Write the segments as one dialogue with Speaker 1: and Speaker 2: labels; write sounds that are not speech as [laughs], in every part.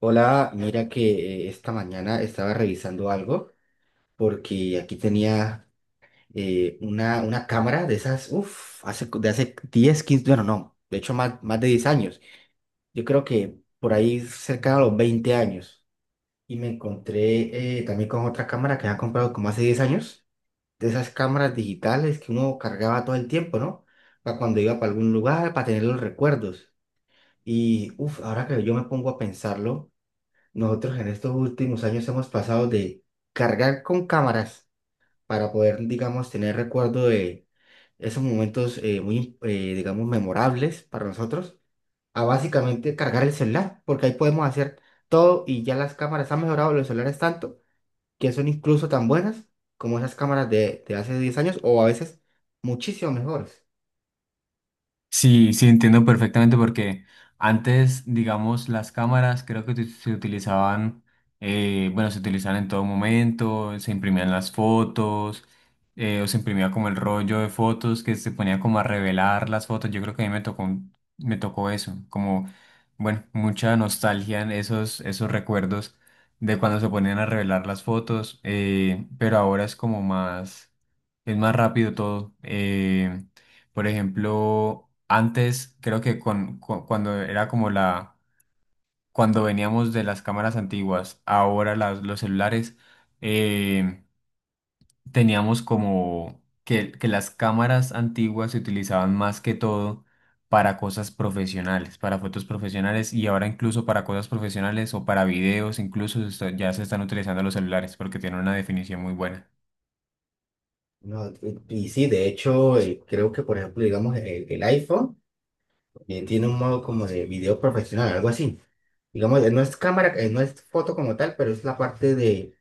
Speaker 1: Hola, mira que esta mañana estaba revisando algo porque aquí tenía una cámara de esas, uff, de hace 10 15, bueno, no, de hecho más de 10 años. Yo creo que por ahí cerca de los 20 años. Y me encontré también con otra cámara que había comprado como hace 10 años, de esas cámaras digitales que uno cargaba todo el tiempo, ¿no? Para cuando iba para algún lugar, para tener los recuerdos. Y uff, ahora que yo me pongo a pensarlo. Nosotros en estos últimos años hemos pasado de cargar con cámaras para poder, digamos, tener recuerdo de esos momentos muy, digamos, memorables para nosotros, a básicamente cargar el celular, porque ahí podemos hacer todo y ya las cámaras han mejorado los celulares tanto que son incluso tan buenas como esas cámaras de hace 10 años o a veces muchísimo mejores.
Speaker 2: Sí, sí, entiendo perfectamente porque antes, digamos, las cámaras creo que se utilizaban, bueno, se utilizaban en todo momento, se imprimían las fotos, o se imprimía como el rollo de fotos que se ponía como a revelar las fotos. Yo creo que a mí me tocó, me tocó eso, como, bueno, mucha nostalgia en esos recuerdos de cuando se ponían a revelar las fotos, pero ahora es como más, es más rápido todo. Por ejemplo, antes creo que cuando era como la, cuando veníamos de las cámaras antiguas, ahora los celulares, eh, teníamos como que las cámaras antiguas se utilizaban más que todo para cosas profesionales, para fotos profesionales y ahora incluso para cosas profesionales o para videos, incluso ya se están utilizando los celulares porque tienen una definición muy buena.
Speaker 1: No, y sí, de hecho, creo que, por ejemplo, digamos, el iPhone, tiene un modo como de video profesional, algo así. Digamos, no es cámara, no es foto como tal, pero es la parte de,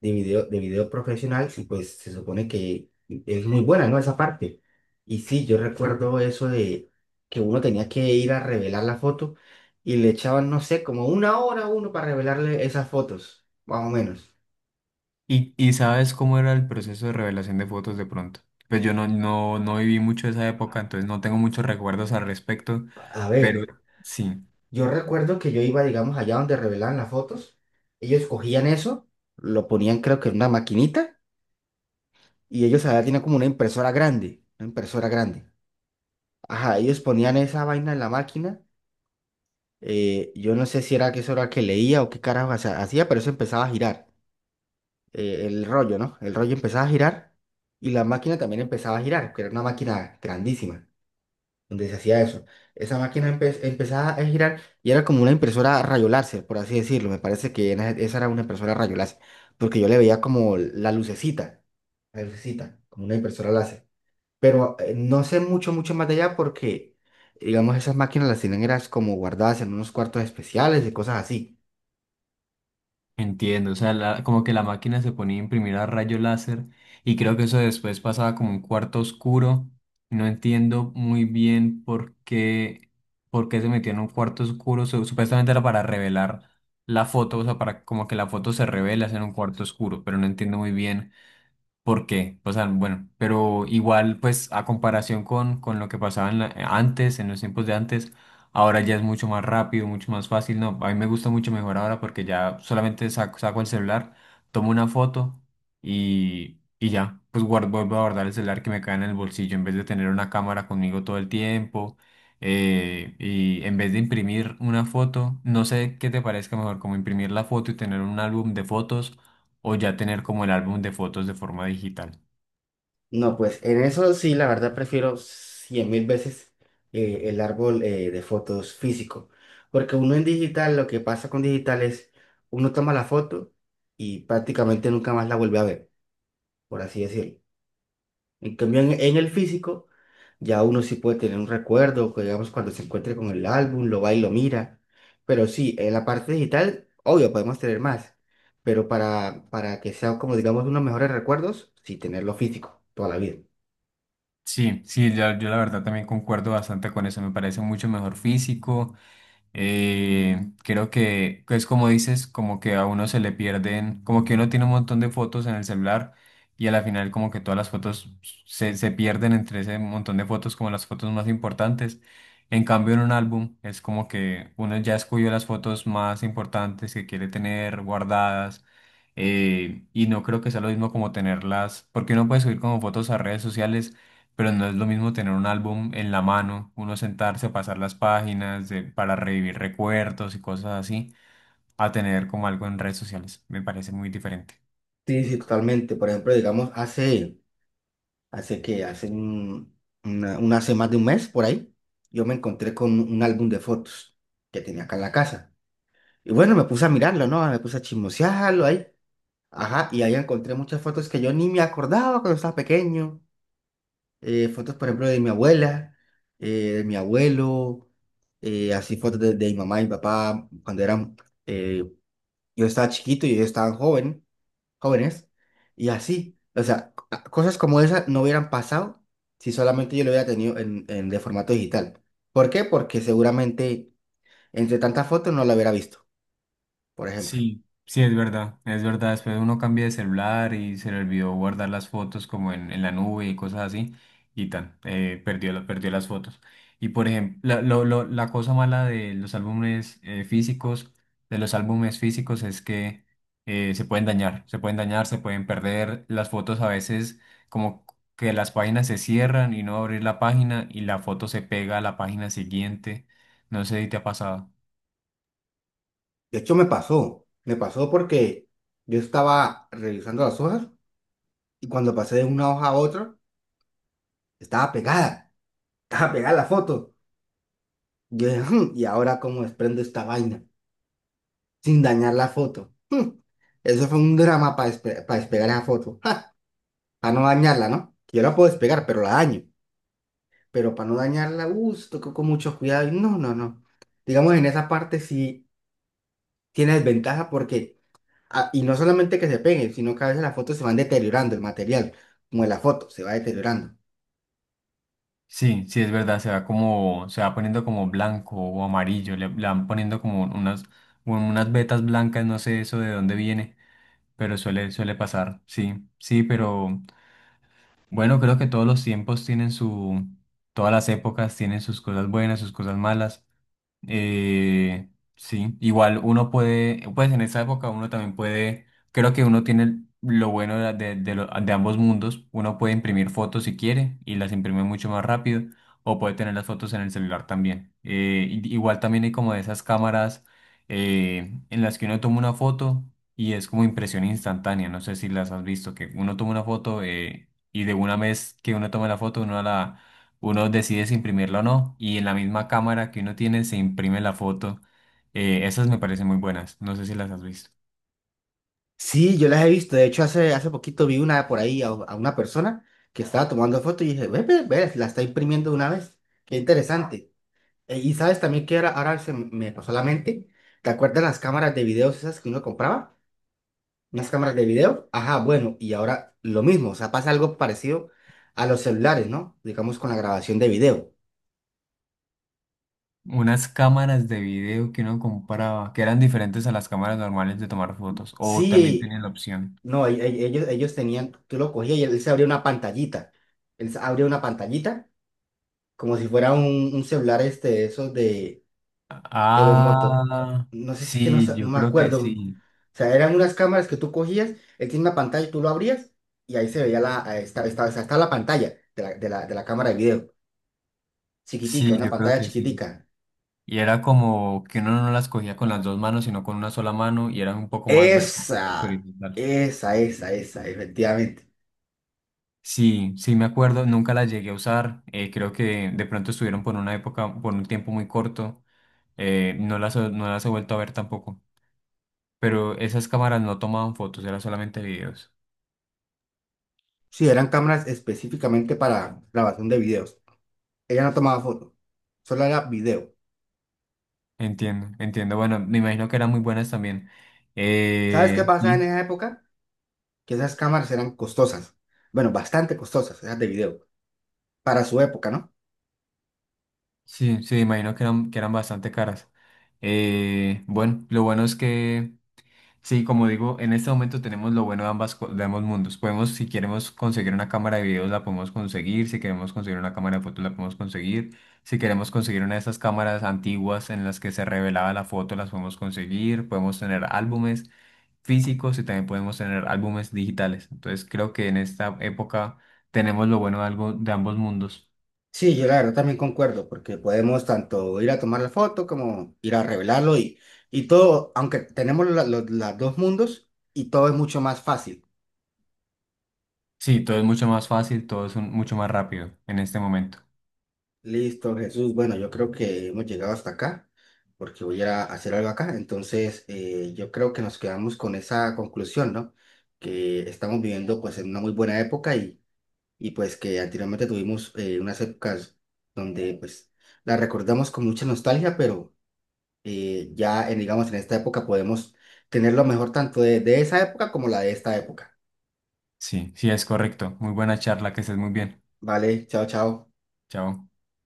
Speaker 1: de video, de video profesional y pues se supone que es muy buena, ¿no? Esa parte. Y sí, yo recuerdo eso de que uno tenía que ir a revelar la foto y le echaban, no sé, como una hora a uno para revelarle esas fotos, más o menos.
Speaker 2: ¿Y sabes cómo era el proceso de revelación de fotos de pronto? Pues yo no viví mucho esa época, entonces no tengo muchos recuerdos al respecto,
Speaker 1: A
Speaker 2: pero
Speaker 1: ver,
Speaker 2: sí,
Speaker 1: yo recuerdo que yo iba, digamos, allá donde revelaban las fotos, ellos cogían eso, lo ponían creo que en una maquinita. Y ellos allá tienen como una impresora grande, una impresora grande. Ajá, ellos ponían esa vaina en la máquina. Yo no sé si era que eso era que leía o qué carajo hacía, pero eso empezaba a girar. El rollo, ¿no? El rollo empezaba a girar y la máquina también empezaba a girar, que era una máquina grandísima, donde se hacía eso. Esa máquina empezaba a girar y era como una impresora a rayo láser, por así decirlo. Me parece que esa era una impresora a rayo láser, porque yo le veía como la lucecita, como una impresora láser. Pero no sé mucho, mucho más de allá porque, digamos, esas máquinas las tienen eras como guardadas en unos cuartos especiales y cosas así.
Speaker 2: entiendo. O sea, como que la máquina se ponía a imprimir a rayo láser y creo que eso después pasaba como un cuarto oscuro. No entiendo muy bien por qué se metió en un cuarto oscuro. Supuestamente era para revelar la foto, o sea, para como que la foto se revela en un cuarto oscuro, pero no entiendo muy bien. ¿Por qué? O sea, bueno, pero igual, pues a comparación con lo que pasaba en antes, en los tiempos de antes, ahora ya es mucho más rápido, mucho más fácil. No, a mí me gusta mucho mejor ahora porque ya solamente saco el celular, tomo una foto y ya, pues guardo, vuelvo a guardar el celular que me cae en el bolsillo en vez de tener una cámara conmigo todo el tiempo. Y en vez de imprimir una foto, no sé qué te parezca mejor, como imprimir la foto y tener un álbum de fotos o ya tener como el álbum de fotos de forma digital.
Speaker 1: No, pues en eso sí, la verdad prefiero 100.000 veces el árbol de fotos físico. Porque uno en digital, lo que pasa con digital es, uno toma la foto y prácticamente nunca más la vuelve a ver, por así decirlo. En cambio, en el físico, ya uno sí puede tener un recuerdo, que digamos, cuando se encuentre con el álbum, lo va y lo mira. Pero sí, en la parte digital, obvio, podemos tener más. Pero para que sea como, digamos, unos mejores recuerdos, sí, tenerlo físico toda la vida.
Speaker 2: Sí, sí, yo la verdad también concuerdo bastante con eso, me parece mucho mejor físico. Creo que es como dices, como que a uno se le pierden, como que uno tiene un montón de fotos en el celular y a la final como que todas las fotos se pierden entre ese montón de fotos como las fotos más importantes. En cambio en un álbum es como que uno ya escogió las fotos más importantes que quiere tener guardadas, y no creo que sea lo mismo como tenerlas, porque uno puede subir como fotos a redes sociales, pero no es lo mismo tener un álbum en la mano, uno sentarse a pasar las páginas para revivir recuerdos y cosas así, a tener como algo en redes sociales. Me parece muy diferente.
Speaker 1: Sí, sí, totalmente. Por ejemplo, digamos, hace, hace que, hace un- una- hace más de un mes por ahí, yo me encontré con un álbum de fotos que tenía acá en la casa. Y bueno, me puse a mirarlo, ¿no? Me puse a chismosearlo ahí. Ajá, y ahí encontré muchas fotos que yo ni me acordaba cuando estaba pequeño. Fotos, por ejemplo, de mi abuela, eh, de mi abuelo, así fotos de mi mamá y mi papá cuando eran, eh, yo estaba chiquito y ellos estaban joven, jóvenes, y así. O sea, cosas como esas no hubieran pasado si solamente yo lo hubiera tenido de formato digital. ¿Por qué? Porque seguramente entre tantas fotos no la hubiera visto, por ejemplo.
Speaker 2: Sí, sí, es verdad, es verdad. Después uno cambia de celular y se le olvidó guardar las fotos como en la nube y cosas así, y tan, perdió, perdió las fotos. Y por ejemplo, la cosa mala de los álbumes físicos, de los álbumes físicos es que se pueden dañar, se pueden dañar, se pueden perder. Las fotos a veces como que las páginas se cierran y no abrir la página y la foto se pega a la página siguiente. No sé si te ha pasado.
Speaker 1: De hecho, me pasó. Me pasó porque yo estaba revisando las hojas y cuando pasé de una hoja a otra, estaba pegada. [laughs] Estaba pegada la foto. Yo dije, "Hmm, ¿y ahora cómo desprendo esta vaina sin dañar la foto?" Eso fue un drama para despegar esa foto. Ja, para no dañarla, ¿no? Yo la puedo despegar, pero la daño. Pero para no dañarla, con mucho cuidado. Y no, no, no. Digamos, en esa parte sí tiene desventaja porque, ah, y no solamente que se peguen, sino que a veces las fotos se van deteriorando, el material, como de la foto, se va deteriorando.
Speaker 2: Sí, sí, es verdad, se va como, se va poniendo como blanco o amarillo, le van poniendo como unas vetas blancas, no sé eso de dónde viene, pero suele, suele pasar, sí, sí, pero bueno, creo que todos los tiempos tienen su, todas las épocas tienen sus cosas buenas, sus cosas malas. Eh, sí, igual uno puede, pues en esa época uno también puede, creo que uno tiene lo bueno de ambos mundos, uno puede imprimir fotos si quiere y las imprime mucho más rápido o puede tener las fotos en el celular también. Igual también hay como de esas cámaras, en las que uno toma una foto y es como impresión instantánea, no sé si las has visto, que uno toma una foto, y de una vez que uno toma la foto uno decide si imprimirla o no y en la misma cámara que uno tiene se imprime la foto. Esas me parecen muy buenas, no sé si las has visto.
Speaker 1: Sí, yo las he visto. De hecho, hace poquito vi una por ahí a, una persona que estaba tomando fotos y dije, ve, ve, ve, la está imprimiendo de una vez. Qué interesante. Y sabes también que ahora se me pasó a la mente. ¿Te acuerdas las cámaras de videos esas que uno compraba? Unas cámaras de video. Ajá, bueno, y ahora lo mismo. O sea, pasa algo parecido a los celulares, ¿no? Digamos con la grabación de video.
Speaker 2: Unas cámaras de video que uno compraba, que eran diferentes a las cámaras normales de tomar fotos, o también
Speaker 1: Sí,
Speaker 2: tienen la opción.
Speaker 1: no, ellos tenían, tú lo cogías y él se abría una pantallita. Él se abría una pantallita como si fuera un celular este, de esos de los motos.
Speaker 2: Ah,
Speaker 1: No sé si es que no,
Speaker 2: sí,
Speaker 1: no
Speaker 2: yo
Speaker 1: me
Speaker 2: creo que
Speaker 1: acuerdo. O
Speaker 2: sí,
Speaker 1: sea, eran unas cámaras que tú cogías, él tiene una pantalla y tú lo abrías y ahí se veía o sea, estaba la pantalla de la cámara de video. Chiquitica,
Speaker 2: sí,
Speaker 1: una
Speaker 2: yo creo
Speaker 1: pantalla
Speaker 2: que sí.
Speaker 1: chiquitica.
Speaker 2: Y era como que uno no las cogía con las dos manos, sino con una sola mano y eran un poco más verticales que
Speaker 1: Esa,
Speaker 2: horizontales.
Speaker 1: esa, efectivamente.
Speaker 2: Sí, sí me acuerdo, nunca la llegué a usar. Eh, creo que de pronto estuvieron por una época, por un tiempo muy corto. Eh, no no las he vuelto a ver tampoco, pero esas cámaras no tomaban fotos, eran solamente videos.
Speaker 1: Sí, eran cámaras específicamente para grabación de videos. Ella no tomaba fotos. Solo era video.
Speaker 2: Entiendo, entiendo, bueno, me imagino que eran muy buenas también.
Speaker 1: ¿Sabes qué pasaba en
Speaker 2: Sí,
Speaker 1: esa época? Que esas cámaras eran costosas, bueno, bastante costosas, esas de video, para su época, ¿no?
Speaker 2: sí, sí, me imagino que eran bastante caras. Bueno, lo bueno es que... Sí, como digo, en este momento tenemos lo bueno de ambas, de ambos mundos. Podemos, si queremos conseguir una cámara de videos, la podemos conseguir. Si queremos conseguir una cámara de fotos, la podemos conseguir. Si queremos conseguir una de esas cámaras antiguas en las que se revelaba la foto, las podemos conseguir. Podemos tener álbumes físicos y también podemos tener álbumes digitales. Entonces, creo que en esta época tenemos lo bueno de algo, de ambos mundos.
Speaker 1: Sí, yo la verdad también concuerdo, porque podemos tanto ir a tomar la foto como ir a revelarlo y todo, aunque tenemos los dos mundos y todo es mucho más fácil.
Speaker 2: Sí, todo es mucho más fácil, todo es mucho más rápido en este momento.
Speaker 1: Listo, Jesús, bueno, yo creo que hemos llegado hasta acá, porque voy a ir a hacer algo acá, entonces yo creo que nos quedamos con esa conclusión, ¿no? Que estamos viviendo pues en una muy buena época y pues que anteriormente tuvimos unas épocas donde pues las recordamos con mucha nostalgia, pero ya en, digamos en esta época podemos tener lo mejor tanto de esa época como la de esta época.
Speaker 2: Sí, sí, es correcto. Muy buena charla, que estés muy bien.
Speaker 1: Vale, chao, chao.
Speaker 2: Chao.